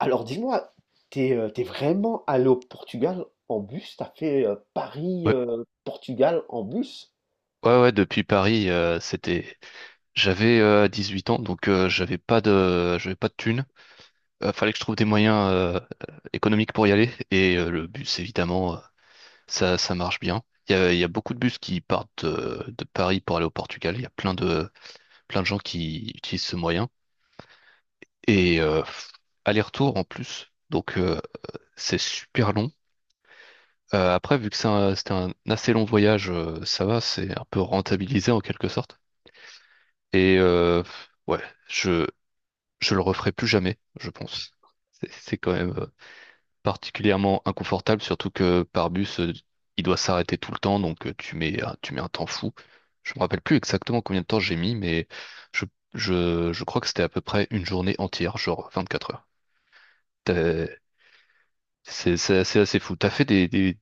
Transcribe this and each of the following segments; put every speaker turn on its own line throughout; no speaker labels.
Alors dis-moi, t'es vraiment allé au Portugal en bus? T'as fait Paris,
Ouais,
Portugal en bus?
ouais, depuis Paris, c'était, j'avais 18 ans, donc j'avais pas j'avais pas de thunes. Fallait que je trouve des moyens économiques pour y aller, et le bus, évidemment, ça marche bien. Il y a beaucoup de bus qui partent de, Paris pour aller au Portugal. Il y a plein de gens qui utilisent ce moyen et pff, aller-retour en plus, donc c'est super long. Après, vu que c'était un assez long voyage, ça va, c'est un peu rentabilisé en quelque sorte. Et ouais, je, je le referai plus jamais, je pense. C'est quand même particulièrement inconfortable, surtout que par bus, il doit s'arrêter tout le temps, donc tu mets un temps fou. Je me rappelle plus exactement combien de temps j'ai mis, mais je, je crois que c'était à peu près une journée entière, genre 24 heures. T'as- c'est assez, assez fou. T'as fait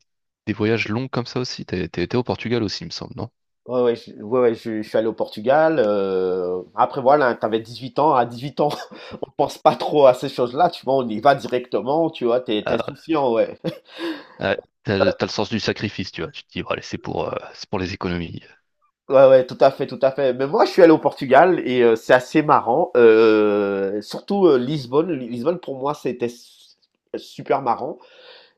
des voyages longs comme ça aussi? T'as été au Portugal aussi, il me semble, non?
Ouais, je suis allé au Portugal. Après, voilà, t'avais 18 ans. À 18 ans, on pense pas trop à ces choses-là. Tu vois, on y va directement. Tu vois, t'es insouciant, ouais.
Ouais, t'as le sens du sacrifice, tu vois. Tu te dis, bon, allez, c'est pour les économies.
Ouais, ouais, tout à fait, tout à fait. Mais moi, je suis allé au Portugal et c'est assez marrant. Surtout Lisbonne. Lisbonne, pour moi, c'était super marrant.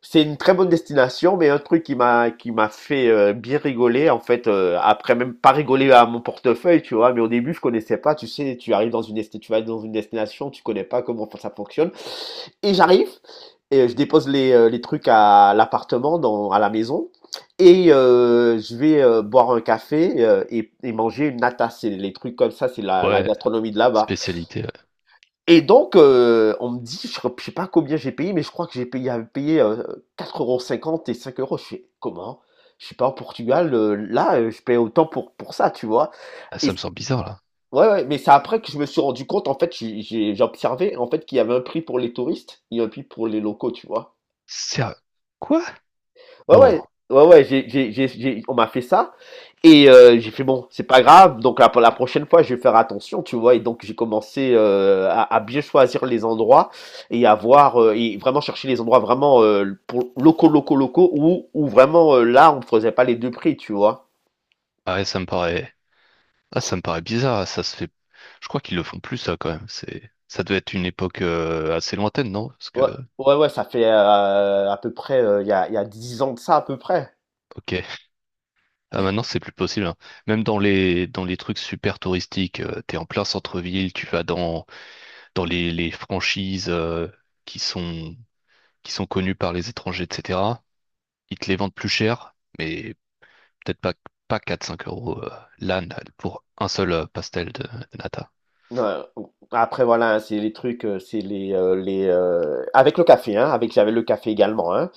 C'est une très bonne destination, mais un truc qui m'a fait bien rigoler, en fait, après même pas rigoler à mon portefeuille, tu vois, mais au début je connaissais pas, tu sais, tu vas dans une destination, tu connais pas comment ça fonctionne, et j'arrive et je dépose les trucs à l'appartement, dans à la maison, et je vais boire un café et manger une nata, c'est les trucs comme ça, c'est la
Ouais,
gastronomie de là-bas.
spécialité. Ouais.
Et donc, on me dit, je crois sais pas combien j'ai payé, mais je crois que j'avais payé, 4,50 € et 5 €. Je fais: «Comment? Je suis pas au Portugal, là, je paye autant pour ça», tu vois?
Ah,
Et
ça me
c
semble bizarre, là.
Ouais, ouais, mais c'est après que je me suis rendu compte, en fait, j'ai observé, en fait, qu'il y avait un prix pour les touristes et un prix pour les locaux, tu vois?
Sérieux? Quoi?
Ouais, ouais,
Non.
ouais, ouais, j'ai on m'a fait ça. Et j'ai fait bon, c'est pas grave. Donc la prochaine fois, je vais faire attention, tu vois. Et donc j'ai commencé à bien choisir les endroits et à voir et vraiment chercher les endroits vraiment pour locaux, locaux, locaux où vraiment là on ne faisait pas les deux prix, tu vois.
Ah ouais, ça me paraît. Ah, ça me paraît bizarre, ça se fait. Je crois qu'ils le font plus, ça, quand même. C'est, ça devait être une époque assez lointaine, non? Parce que,
Ouais, ouais, ouais, ça fait à peu près il y a 10 ans de ça à peu près.
ok. Ah, maintenant, c'est plus possible, hein. Même dans les trucs super touristiques, t'es en plein centre-ville, dans les franchises qui sont, qui sont connues par les étrangers, etc. Ils te les vendent plus cher, mais peut-être pas, pas quatre cinq euros l'âne pour un seul pastel de nata.
Ouais. Après voilà, hein, c'est les trucs, c'est les avec le café, hein, avec j'avais le café également, hein.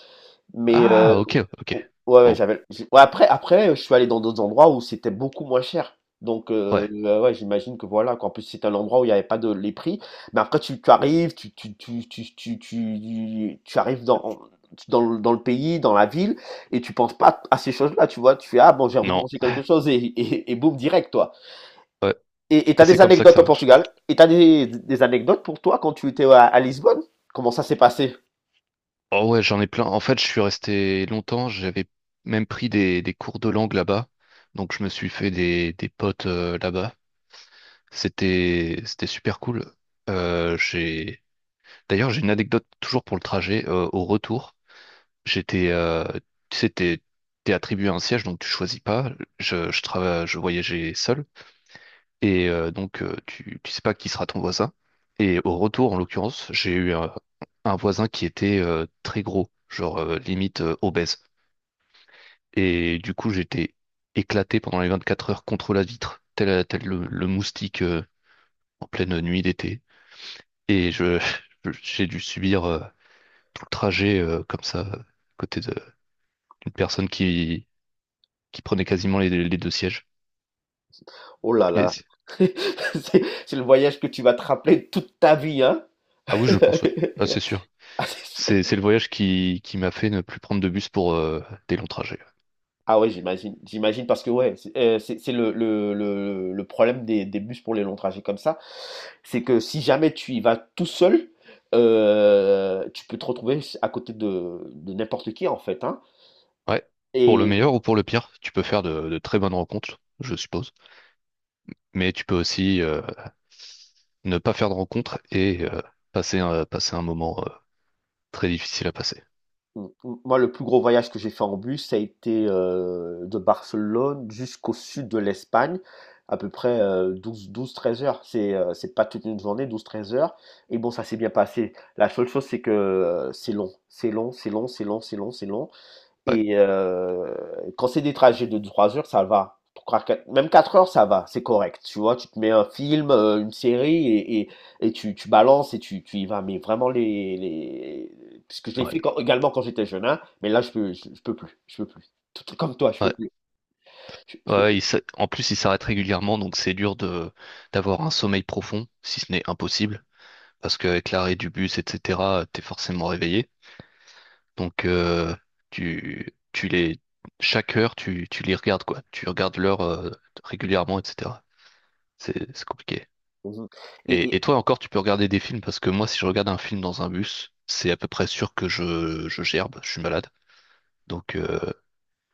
Mais
Ah, ok, ok.
ouais, ouais,
Bon,
j'avais. Ouais, après, je suis allé dans d'autres endroits où c'était beaucoup moins cher. Donc,
ouais,
ouais, j'imagine que voilà, qu'en plus, c'est un endroit où il n'y avait pas de les prix. Mais après, tu arrives, tu arrives dans, dans le pays, dans la ville, et tu penses pas à ces choses-là, tu vois. Tu fais, ah bon, j'ai envie de
non.
manger quelque chose, et boum, direct, toi.
Ouais.
Et
Et
t'as
c'est
des
comme ça que
anecdotes au
ça marche.
Portugal? Et t'as des anecdotes pour toi quand tu étais à Lisbonne? Comment ça s'est passé?
Oh ouais, j'en ai plein. En fait, je suis resté longtemps. J'avais même pris des cours de langue là-bas. Donc, je me suis fait des potes là-bas. C'était super cool. Euh, j'ai, d'ailleurs, j'ai une anecdote toujours pour le trajet. Au retour, j'étais, euh, tu sais, t'es attribué un siège, donc tu choisis pas. Je voyageais seul. Et donc, tu sais pas qui sera ton voisin. Et au retour, en l'occurrence, un voisin qui était très gros, limite obèse. Et du coup, j'étais éclaté pendant les 24 heures contre la vitre, tel le moustique en pleine nuit d'été. Et j'ai dû subir tout le trajet comme ça, à côté de- d'une personne qui prenait quasiment les deux sièges.
Oh là
Et
là,
c'est-
c'est le voyage que tu vas te rappeler toute ta vie, hein?
ah oui, je pense, oui. Ah, c'est sûr.
Ah, c'est
C'est le voyage qui m'a fait ne plus prendre de bus pour des longs trajets.
Ah ouais, j'imagine, j'imagine parce que ouais, c'est c'est le problème des bus pour les longs trajets comme ça, c'est que si jamais tu y vas tout seul, tu peux te retrouver à côté de n'importe qui en fait, hein?
Ouais. Pour le meilleur
Et
ou pour le pire, tu peux faire de très bonnes rencontres, je suppose. Mais tu peux aussi ne pas faire de rencontre et passer un moment très difficile à passer.
Moi, le plus gros voyage que j'ai fait en bus, ça a été de Barcelone jusqu'au sud de l'Espagne, à peu près 12, 13 heures. C'est pas toute une journée, 12, 13 heures. Et bon, ça s'est bien passé. La seule chose, c'est que c'est long. C'est long, c'est long, c'est long, c'est long, c'est long.
Ouais,
Et quand c'est des trajets de 3 heures, ça va. Même 4 heures, ça va, c'est correct. Tu vois, tu te mets un film, une série et tu balances et tu y vas. Mais vraiment, les... puisque je l'ai
ouais,
fait également quand j'étais jeune, hein, mais là, je peux plus. Je peux plus. Tout comme toi, je peux
ouais.
plus.
Ouais,
Je peux plus.
ouais, en plus, il s'arrête régulièrement, donc c'est dur de d'avoir un sommeil profond, si ce n'est impossible, parce qu'avec l'arrêt du bus, etc., t'es forcément réveillé. Donc, tu, tu les, chaque heure, tu les regardes, quoi. Tu regardes l'heure régulièrement, etc. C'est compliqué.
Mhm. Et,
Et
et-
toi encore, tu peux regarder des films parce que moi, si je regarde un film dans un bus, c'est à peu près sûr que je gerbe, je suis malade. Donc,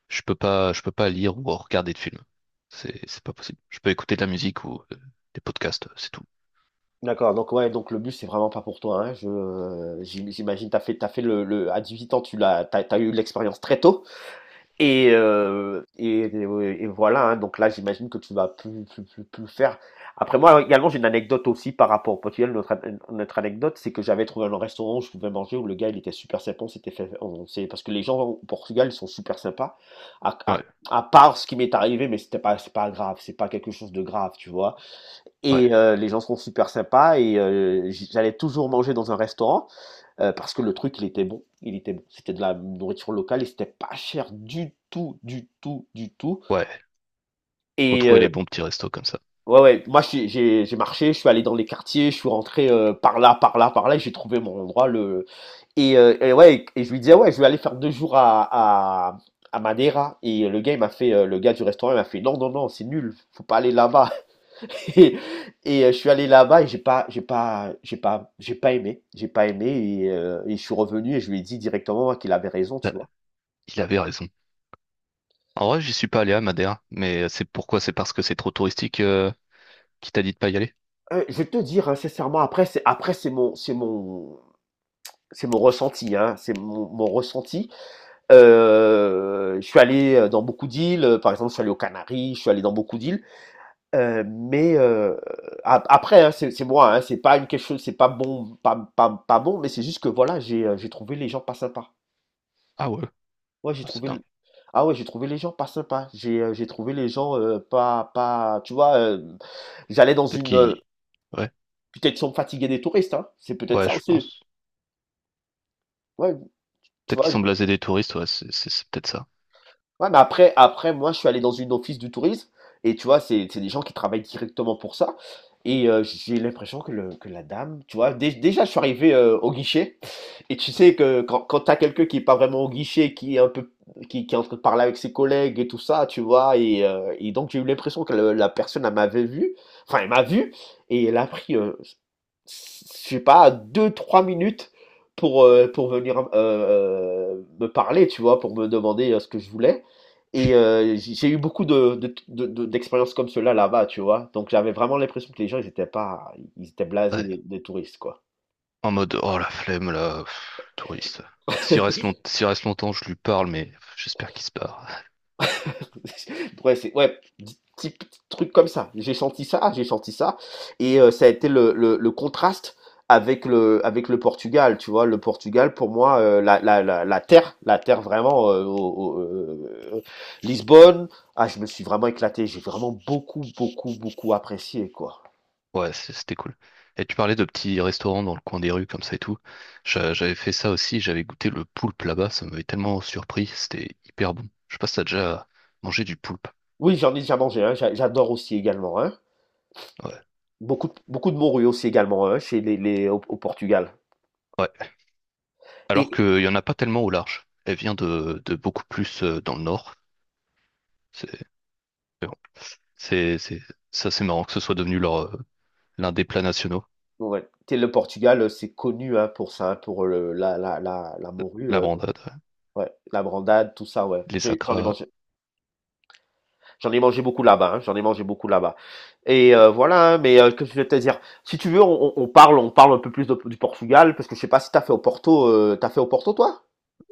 je peux pas lire ou regarder de films. C'est pas possible. Je peux écouter de la musique ou des podcasts, c'est tout.
d'accord, donc ouais, donc le bus, c'est vraiment pas pour toi. Hein, j'imagine, t'as fait à 18 ans, t'as eu l'expérience très tôt. Et, et voilà, hein. Donc là, j'imagine que tu vas plus le faire. Après, moi, également, j'ai une anecdote aussi par rapport au Portugal. Notre anecdote, c'est que j'avais trouvé un restaurant où je pouvais manger, où le gars, il était super sympa. On s'était fait, on s'est- Parce que les gens au Portugal, ils sont super sympas. À, à,
Ouais,
à part ce qui m'est arrivé, mais c'est pas grave, c'est pas quelque chose de grave, tu vois.
ouais,
Et les gens sont super sympas et j'allais toujours manger dans un restaurant. Parce que le truc, il était bon. Il était bon. C'était de la nourriture locale et c'était pas cher du tout, du tout, du tout.
ouais. Faut
Et
trouver les bons petits restos comme ça.
ouais, ouais, moi j'ai marché, je suis allé dans les quartiers, je suis rentré par là, par là, par là, et j'ai trouvé mon endroit. Le... et ouais, et je lui disais, ouais, je vais aller faire 2 jours à Madeira. Et le gars, il m'a fait, le gars du restaurant, il m'a fait, non, non, non, c'est nul, faut pas aller là-bas. Et, euh, je suis allé là-bas et j'ai pas aimé et je suis revenu et je lui ai dit directement qu'il avait raison,
Bah,
tu vois.
il avait raison. En vrai, j'y suis pas allé à Madère, mais c'est pourquoi? C'est parce que c'est trop touristique qui t'a dit de pas y aller?
Je vais te dire hein, sincèrement, après c'est mon ressenti, hein, mon, ressenti. Je suis allé dans beaucoup d'îles, par exemple, je suis allé aux Canaries, je suis allé dans beaucoup d'îles, mais après, hein, c'est moi, hein, c'est pas une quelque chose, c'est pas bon, pas bon, mais c'est juste que voilà, j'ai trouvé les gens pas sympas.
Ah ouais,
Ouais, j'ai
ah, c'est
trouvé
dingue.
le... Ah ouais, j'ai trouvé les gens pas sympas. J'ai trouvé les gens pas pas tu vois j'allais dans
Peut-être
une
qu'il... Ouais,
peut-être sont fatigués des touristes hein. C'est peut-être
ouais,
ça
je
aussi.
pense.
Ouais, tu
Peut-être qu'ils
vois,
sont blasés des touristes, ouais, c'est peut-être ça.
ouais, mais après, moi, je suis allé dans une office du tourisme, et tu vois, c'est des gens qui travaillent directement pour ça. Et j'ai l'impression que, que la dame, tu vois, déjà, je suis arrivé au guichet, et tu sais que quand t'as quelqu'un qui est pas vraiment au guichet, qui est un peu, qui est en train de parler avec ses collègues et tout ça, tu vois, et donc j'ai eu l'impression que la personne, elle m'avait vu, enfin, elle m'a vu, et elle a pris, je sais pas, 2, 3 minutes pour venir me parler, tu vois, pour me demander ce que je voulais. Et j'ai eu beaucoup d'expériences comme cela là-bas, tu vois. Donc j'avais vraiment l'impression que les gens, ils étaient pas, ils étaient blasés
Ouais.
des touristes, quoi.
En mode, oh la flemme là, pff, touriste. S'il reste longtemps, je lui parle, mais j'espère qu'il se barre.
Ouais, c'est, ouais, petit truc comme ça. J'ai senti ça, j'ai senti ça. Et ça a été le contraste avec avec le Portugal, tu vois. Le Portugal, pour moi, la terre vraiment, au- euh, Lisbonne, ah, je me suis vraiment éclaté. J'ai vraiment beaucoup, beaucoup, beaucoup apprécié, quoi.
Ouais, c'était cool. Et tu parlais de petits restaurants dans le coin des rues comme ça et tout. J'avais fait ça aussi, j'avais goûté le poulpe là-bas, ça m'avait tellement surpris, c'était hyper bon. Je sais pas si t'as déjà mangé du poulpe.
Oui, j'en ai déjà mangé un. J'adore aussi également un.
Ouais.
Beaucoup, beaucoup de morue aussi également un chez au Portugal.
Ouais. Alors
Et
qu'il y en a pas tellement au large. Elle vient de beaucoup plus dans le nord. C'est mais bon. c'est c'est- Ça c'est marrant que ce soit devenu leur l'un des plats nationaux,
ouais, t'es le Portugal, c'est connu hein, pour ça, hein, pour le, la morue,
la brandade, ouais.
ouais, la brandade, tout ça, ouais.
Les sacras.
J'en ai mangé beaucoup là-bas. Hein, j'en ai mangé beaucoup là-bas. Et voilà. Hein, mais que je vais te dire, si tu veux, on parle un peu plus du Portugal parce que je sais pas si t'as fait au Porto, t'as fait au Porto toi?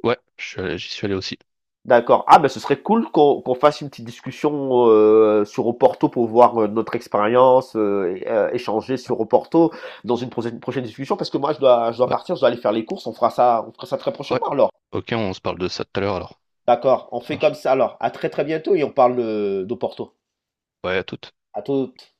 Ouais, j'y suis allé aussi.
D'accord. Ah, ben ce serait cool qu'on fasse une petite discussion sur Oporto pour voir notre expérience, échanger sur Oporto dans une prochaine discussion, parce que je dois
Ouais,
partir, je dois aller faire les courses, on fera ça très
ouais.
prochainement alors.
Ok, on se parle de ça tout à l'heure alors.
D'accord, on
Ça
fait comme
marche.
ça alors. À très bientôt et on parle d'Oporto.
Ouais, à toute.
À toutes.